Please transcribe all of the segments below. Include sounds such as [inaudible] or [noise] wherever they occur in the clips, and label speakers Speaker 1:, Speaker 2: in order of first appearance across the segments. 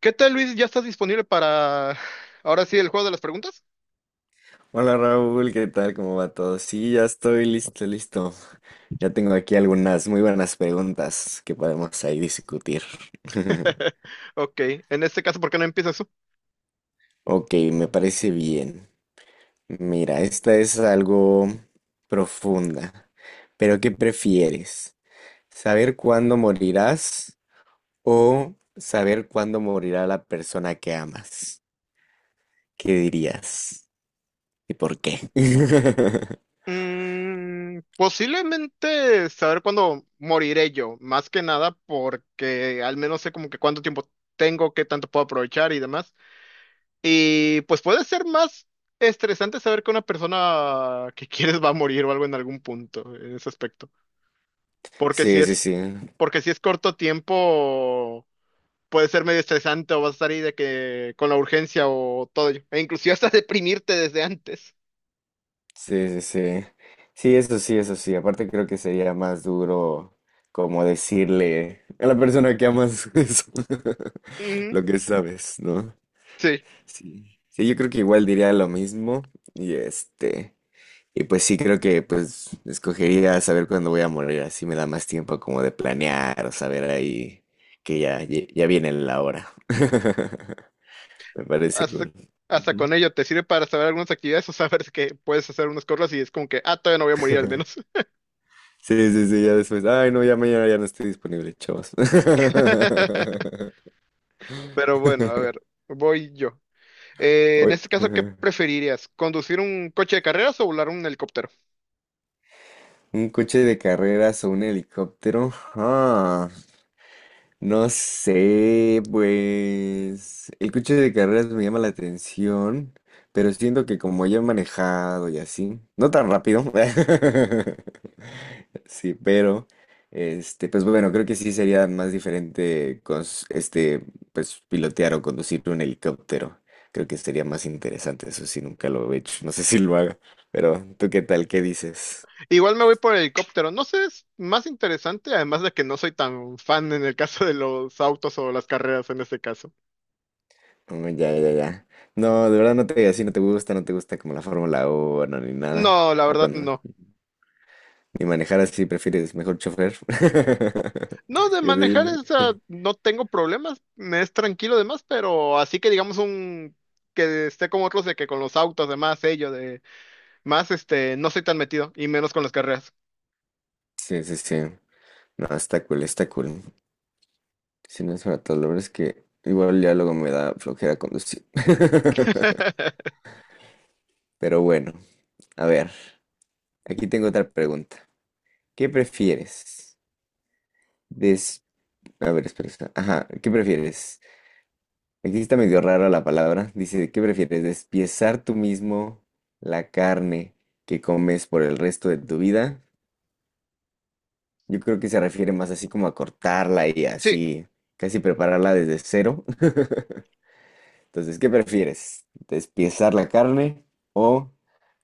Speaker 1: ¿Qué tal, Luis? ¿Ya estás disponible para ahora sí el juego de las preguntas?
Speaker 2: Hola Raúl, ¿qué tal? ¿Cómo va todo? Sí, ya estoy listo, listo. Ya tengo aquí algunas muy buenas preguntas que podemos ahí discutir. [laughs]
Speaker 1: [laughs] Ok, en este caso, ¿por qué no empiezas tú?
Speaker 2: Ok, me parece bien. Mira, esta es algo profunda. Pero ¿qué prefieres? ¿Saber cuándo morirás o saber cuándo morirá la persona que amas? ¿Qué dirías? ¿Y por qué? [laughs]
Speaker 1: Posiblemente saber cuándo moriré yo, más que nada porque al menos sé como que cuánto tiempo tengo, qué tanto puedo aprovechar y demás. Y pues puede ser más estresante saber que una persona que [laughs] quieres va a morir o algo en algún punto, en ese aspecto. Porque si
Speaker 2: Sí, sí,
Speaker 1: es,
Speaker 2: sí.
Speaker 1: porque si es corto tiempo, puede ser medio estresante o vas a estar ahí de que con la urgencia o todo ello. E inclusive hasta deprimirte desde antes.
Speaker 2: Sí, sí, sí. Sí, eso sí, eso sí. Aparte creo que sería más duro como decirle a la persona que amas [laughs] eso,
Speaker 1: Ujú.
Speaker 2: lo que sabes, ¿no?
Speaker 1: Sí,
Speaker 2: Sí. Sí, yo creo que igual diría lo mismo y y pues sí, creo que pues escogería saber cuándo voy a morir, así me da más tiempo como de planear o saber ahí que ya, ya viene la hora. [laughs] Me parece
Speaker 1: hasta,
Speaker 2: cool.
Speaker 1: hasta
Speaker 2: Ujú.
Speaker 1: con ello te sirve para saber algunas actividades o saber que puedes hacer unas cosas y es como que, ah, todavía no voy a morir al
Speaker 2: [laughs]
Speaker 1: menos.
Speaker 2: Sí, sí, sí, ya después. Ay, no, ya mañana ya no estoy disponible, chavos.
Speaker 1: [laughs]
Speaker 2: [laughs]
Speaker 1: Pero bueno, a ver, voy yo. En
Speaker 2: Oye,
Speaker 1: este caso, ¿qué
Speaker 2: ajá.
Speaker 1: preferirías? ¿Conducir un coche de carreras o volar un helicóptero?
Speaker 2: Un coche de carreras o un helicóptero. Ah. No sé, pues el coche de carreras me llama la atención, pero siento que como ya he manejado y así, no tan rápido, [laughs] sí, pero pues bueno, creo que sí sería más diferente pues pilotear o conducir un helicóptero. Creo que sería más interesante, eso sí, nunca lo he hecho, no sé si lo haga, pero ¿tú qué tal? ¿Qué dices?
Speaker 1: Igual me voy por el helicóptero. No sé, es más interesante, además de que no soy tan fan en el caso de los autos o las carreras en este caso.
Speaker 2: Oh, ya, ya, ya. No, de verdad no te, así no te gusta, no te gusta como la Fórmula 1 ni nada.
Speaker 1: No, la
Speaker 2: O
Speaker 1: verdad
Speaker 2: cuando,
Speaker 1: no.
Speaker 2: ni manejar así, prefieres mejor chofer. [laughs]
Speaker 1: No, de
Speaker 2: Que te
Speaker 1: manejar
Speaker 2: lleven.
Speaker 1: esa no tengo problemas, me es tranquilo demás, pero así que digamos un que esté como otros de que con los autos, de ello de más este, no soy tan metido, y menos con las carreras.
Speaker 2: Sí, sí, sí. No, está cool, está cool. Si no es para todo, la verdad es que igual ya luego me da flojera conducir. [laughs]
Speaker 1: [laughs]
Speaker 2: Pero bueno, a ver, aquí tengo otra pregunta. ¿Qué prefieres? Des... A ver, espera, espera. Ajá, ¿qué prefieres? Aquí está medio rara la palabra. Dice, ¿qué prefieres? ¿Despiezar tú mismo la carne que comes por el resto de tu vida? Yo creo que se refiere más así como a cortarla y
Speaker 1: Sí,
Speaker 2: así, casi prepararla desde cero. [laughs] Entonces, ¿qué prefieres? ¿Despiezar la carne o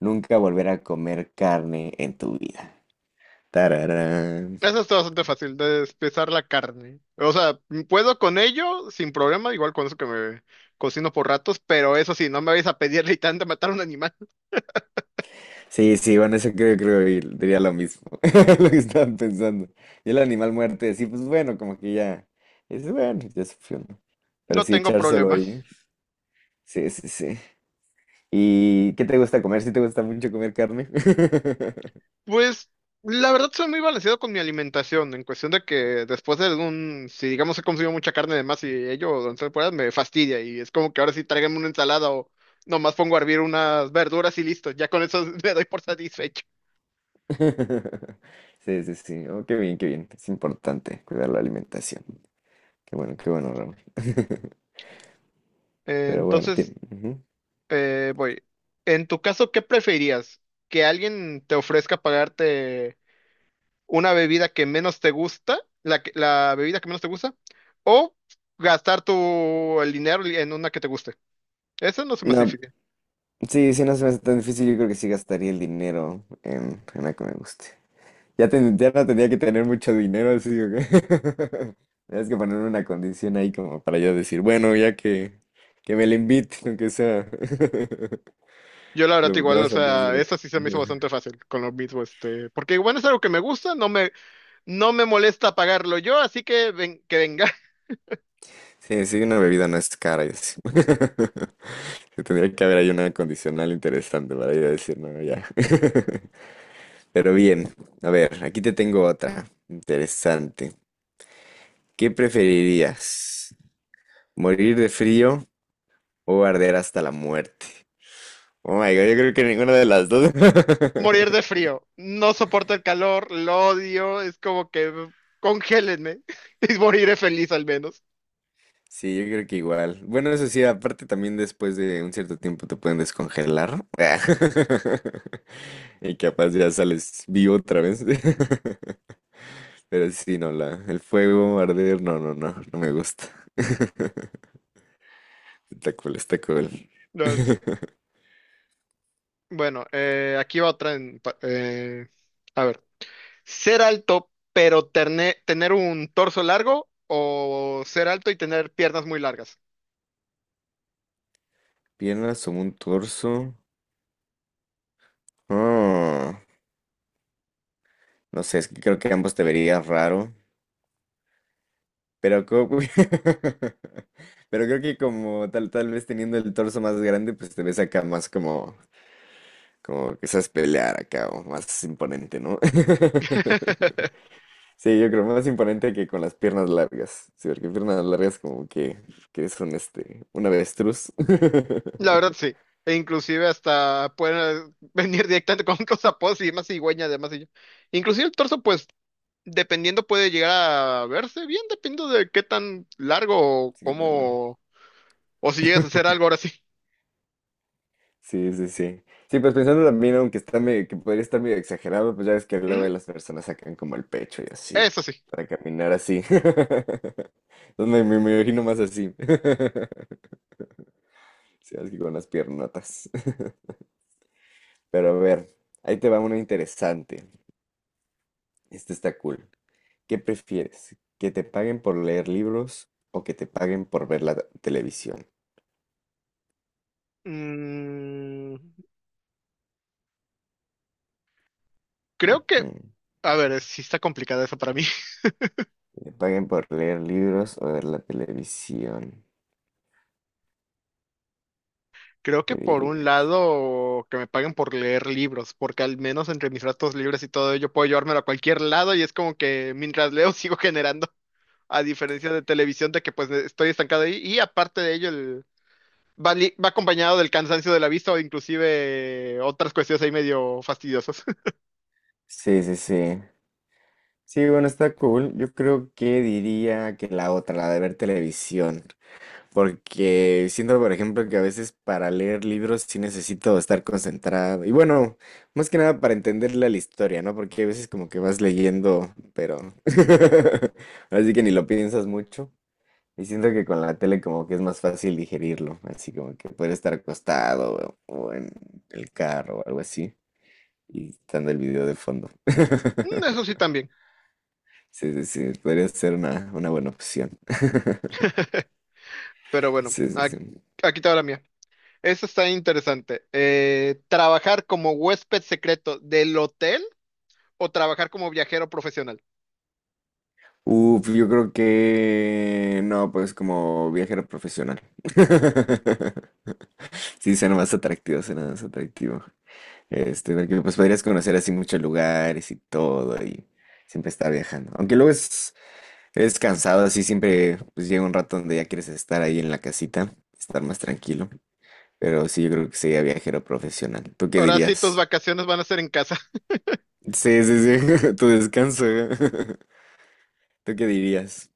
Speaker 2: nunca volver a comer carne en tu vida? Tararán.
Speaker 1: eso está bastante fácil, de despezar la carne. O sea, puedo con ello sin problema, igual con eso que me cocino por ratos, pero eso sí, no me vais a pedir [laughs] ni tanto matar a un animal,
Speaker 2: Sí, sí, bueno, eso creo, creo que diría lo mismo, [laughs] lo que estaban pensando. Y el animal muerte, sí, pues bueno, como que ya, es bueno, ya sufrió, ¿no?
Speaker 1: [laughs]
Speaker 2: Pero
Speaker 1: no
Speaker 2: sí,
Speaker 1: tengo
Speaker 2: echárselo
Speaker 1: problema.
Speaker 2: ahí, sí, sí, sí. ¿Y qué te gusta comer? ¿Sí te gusta mucho comer carne? [laughs]
Speaker 1: Pues la verdad soy muy balanceado con mi alimentación, en cuestión de que después de un, si digamos he consumido mucha carne de más y ello durante temporadas me fastidia y es como que ahora sí tráigame una ensalada o nomás pongo a hervir unas verduras y listo, ya con eso [laughs] me doy por satisfecho.
Speaker 2: Sí, sí, sí, oh, qué bien, es importante cuidar la alimentación. Qué bueno, Ramón. [laughs] Pero bueno,
Speaker 1: Entonces,
Speaker 2: tiene... ujú.
Speaker 1: voy. En tu caso, ¿qué preferirías? ¿Que alguien te ofrezca pagarte una bebida que menos te gusta, la bebida que menos te gusta, o gastar el dinero en una que te guste? Eso no se me hace
Speaker 2: No,
Speaker 1: difícil.
Speaker 2: sí, sí, no se me hace tan difícil, yo creo que sí gastaría el dinero en algo que me guste. Ya, ya no tenía que tener mucho dinero, así que [laughs] tienes que poner una condición ahí como para yo decir, bueno, ya que me lo invite, aunque sea. [laughs]
Speaker 1: Yo la verdad
Speaker 2: Lo, nada
Speaker 1: igual, o
Speaker 2: más porque es
Speaker 1: sea,
Speaker 2: gratis.
Speaker 1: esa sí se me hizo bastante
Speaker 2: [laughs]
Speaker 1: fácil con lo mismo, porque bueno, es algo que me gusta, no me molesta pagarlo yo, así que ven, que venga. [laughs]
Speaker 2: Sí, sí, una bebida no es cara y así. [laughs] Sí, tendría que haber ahí una condicional interesante para yo decir, no, ya. [laughs] Pero bien, a ver, aquí te tengo otra interesante. ¿Qué preferirías? ¿Morir de frío o arder hasta la muerte? Oh my God, yo creo que ninguna de las dos.
Speaker 1: Morir de
Speaker 2: [laughs]
Speaker 1: frío, no soporto el calor, lo odio, es como que congélenme [laughs] y moriré feliz al menos.
Speaker 2: Sí, yo creo que igual. Bueno, eso sí, aparte también después de un cierto tiempo te pueden descongelar. [laughs] Y capaz ya sales vivo otra vez. [laughs] Pero sí, no, la, el fuego, arder, no, no, no, no me gusta. [laughs] Está cool, está cool.
Speaker 1: La verdad, sí.
Speaker 2: [laughs]
Speaker 1: Bueno, aquí va otra a ver, ser alto pero terne- tener un torso largo o ser alto y tener piernas muy largas.
Speaker 2: Piernas o un torso. Oh, no sé, es que creo que ambos te verías raro. Pero, [laughs] pero creo que como tal, tal vez teniendo el torso más grande, pues te ves acá más como, como que sabes pelear acá, o más imponente, ¿no? [laughs]
Speaker 1: [laughs]
Speaker 2: Sí, yo creo más imponente que con las piernas largas. Sí, porque piernas largas como que eres un un avestruz.
Speaker 1: La
Speaker 2: [laughs]
Speaker 1: verdad sí. E inclusive hasta pueden [laughs] venir directamente con [laughs] cosas y más cigüeña además. Y yo. Inclusive el torso, pues, dependiendo puede llegar a verse bien, dependiendo de qué tan largo o
Speaker 2: Sí, no.
Speaker 1: cómo, o si llegas a hacer algo
Speaker 2: [laughs]
Speaker 1: ahora sí.
Speaker 2: Sí, sí, sí. Sí, pues pensando también, aunque está medio, que podría estar medio exagerado, pues ya ves que
Speaker 1: Ujú.
Speaker 2: luego las personas sacan como el pecho y así,
Speaker 1: Eso sí.
Speaker 2: para caminar así. [laughs] Entonces me imagino más así. [laughs] Sí, así con las piernotas. [laughs] Pero a ver, ahí te va una interesante. Este está cool. ¿Qué prefieres? ¿Que te paguen por leer libros o que te paguen por ver la televisión?
Speaker 1: Mm, creo que,
Speaker 2: Ujú.
Speaker 1: a ver, sí está complicada eso para mí. [laughs]
Speaker 2: Que te paguen por leer libros o ver la televisión.
Speaker 1: Creo que
Speaker 2: ¿Qué
Speaker 1: por un
Speaker 2: dirías?
Speaker 1: lado que me paguen por leer libros, porque al menos entre mis ratos libres y todo ello puedo llevármelo a cualquier lado y es como que mientras leo [laughs] sigo generando, a diferencia de televisión, de que pues estoy estancado ahí. Y aparte de ello, va acompañado del cansancio de la vista o inclusive otras cuestiones ahí medio fastidiosas. [laughs]
Speaker 2: Sí, sí, sí. Sí, bueno, está cool. Yo creo que diría que la otra, la de ver televisión, porque siento, por ejemplo, que a veces para leer libros sí necesito estar concentrado. Y bueno, más que nada para entenderle a la historia, ¿no? Porque a veces como que vas leyendo, pero [laughs] así que ni lo piensas mucho. Y siento que con la tele como que es más fácil digerirlo, así como que puedes estar acostado o en el carro o algo así, y estando el video de fondo.
Speaker 1: Mm. Eso
Speaker 2: [laughs]
Speaker 1: sí también.
Speaker 2: Sí, sí, sí, podría ser una buena opción. [laughs]
Speaker 1: [laughs] Pero bueno,
Speaker 2: Sí, sí, sí.
Speaker 1: aquí te va la mía. Eso está interesante. ¿Trabajar como huésped secreto del hotel o trabajar como viajero profesional?
Speaker 2: Uf, yo creo que no, pues como viajero profesional. [laughs] Sí, suena más atractivo, suena más atractivo. Este, porque pues podrías conocer así muchos lugares y todo y siempre estar viajando. Aunque luego es cansado, así siempre pues llega un rato donde ya quieres estar ahí en la casita, estar más tranquilo. Pero sí, yo creo que sería viajero profesional. ¿Tú qué
Speaker 1: Ahora sí, tus
Speaker 2: dirías?
Speaker 1: vacaciones van a ser en casa.
Speaker 2: Sí, sí, sí, [laughs] tu descanso. [laughs] ¿Tú qué dirías?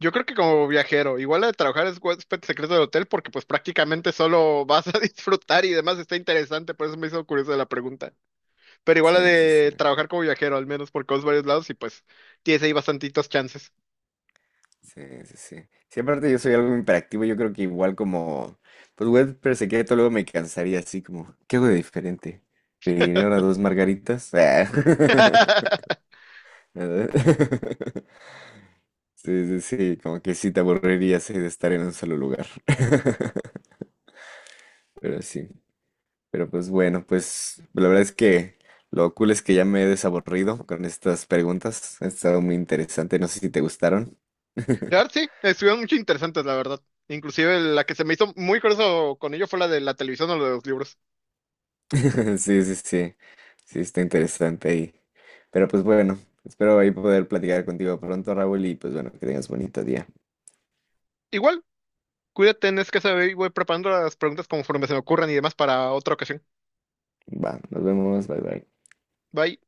Speaker 1: Yo creo que como viajero, igual la de trabajar es huésped secreto del hotel porque pues prácticamente solo vas a [laughs] disfrutar y demás está interesante, por eso me hizo curiosa la pregunta. Pero igual la
Speaker 2: Sí, sí, sí,
Speaker 1: de trabajar como viajero, al menos por vas varios lados y pues tienes ahí bastantitos chances.
Speaker 2: sí, sí, sí. Sí, aparte yo soy algo imperactivo yo creo que igual como, pues web pero se queda, luego me cansaría así como, ¿qué hago de diferente? ¿Pediré ahora dos margaritas? Ah, [laughs]
Speaker 1: [laughs]
Speaker 2: ¿verdad? [laughs] Sí, sí, sí, como que sí te aburrirías de estar en un solo lugar. [laughs] Pero sí. Pero pues bueno, pues la verdad es que lo cool es que ya me he desaburrido con estas preguntas. Ha estado muy interesante. No sé si te gustaron. [laughs]
Speaker 1: La verdad, sí, estuvieron mucho interesantes, la verdad. Inclusive la que se me hizo muy curioso con ello fue la de la televisión o la de los libros.
Speaker 2: Sí, sí, sí. Sí, está interesante ahí. Pero pues bueno, espero ahí poder platicar contigo pronto, Raúl, y pues bueno, que tengas bonito día.
Speaker 1: Igual, cuídate, es que saber y voy preparando las preguntas conforme se me ocurran y demás para otra ocasión.
Speaker 2: Va, nos vemos, bye bye.
Speaker 1: Bye.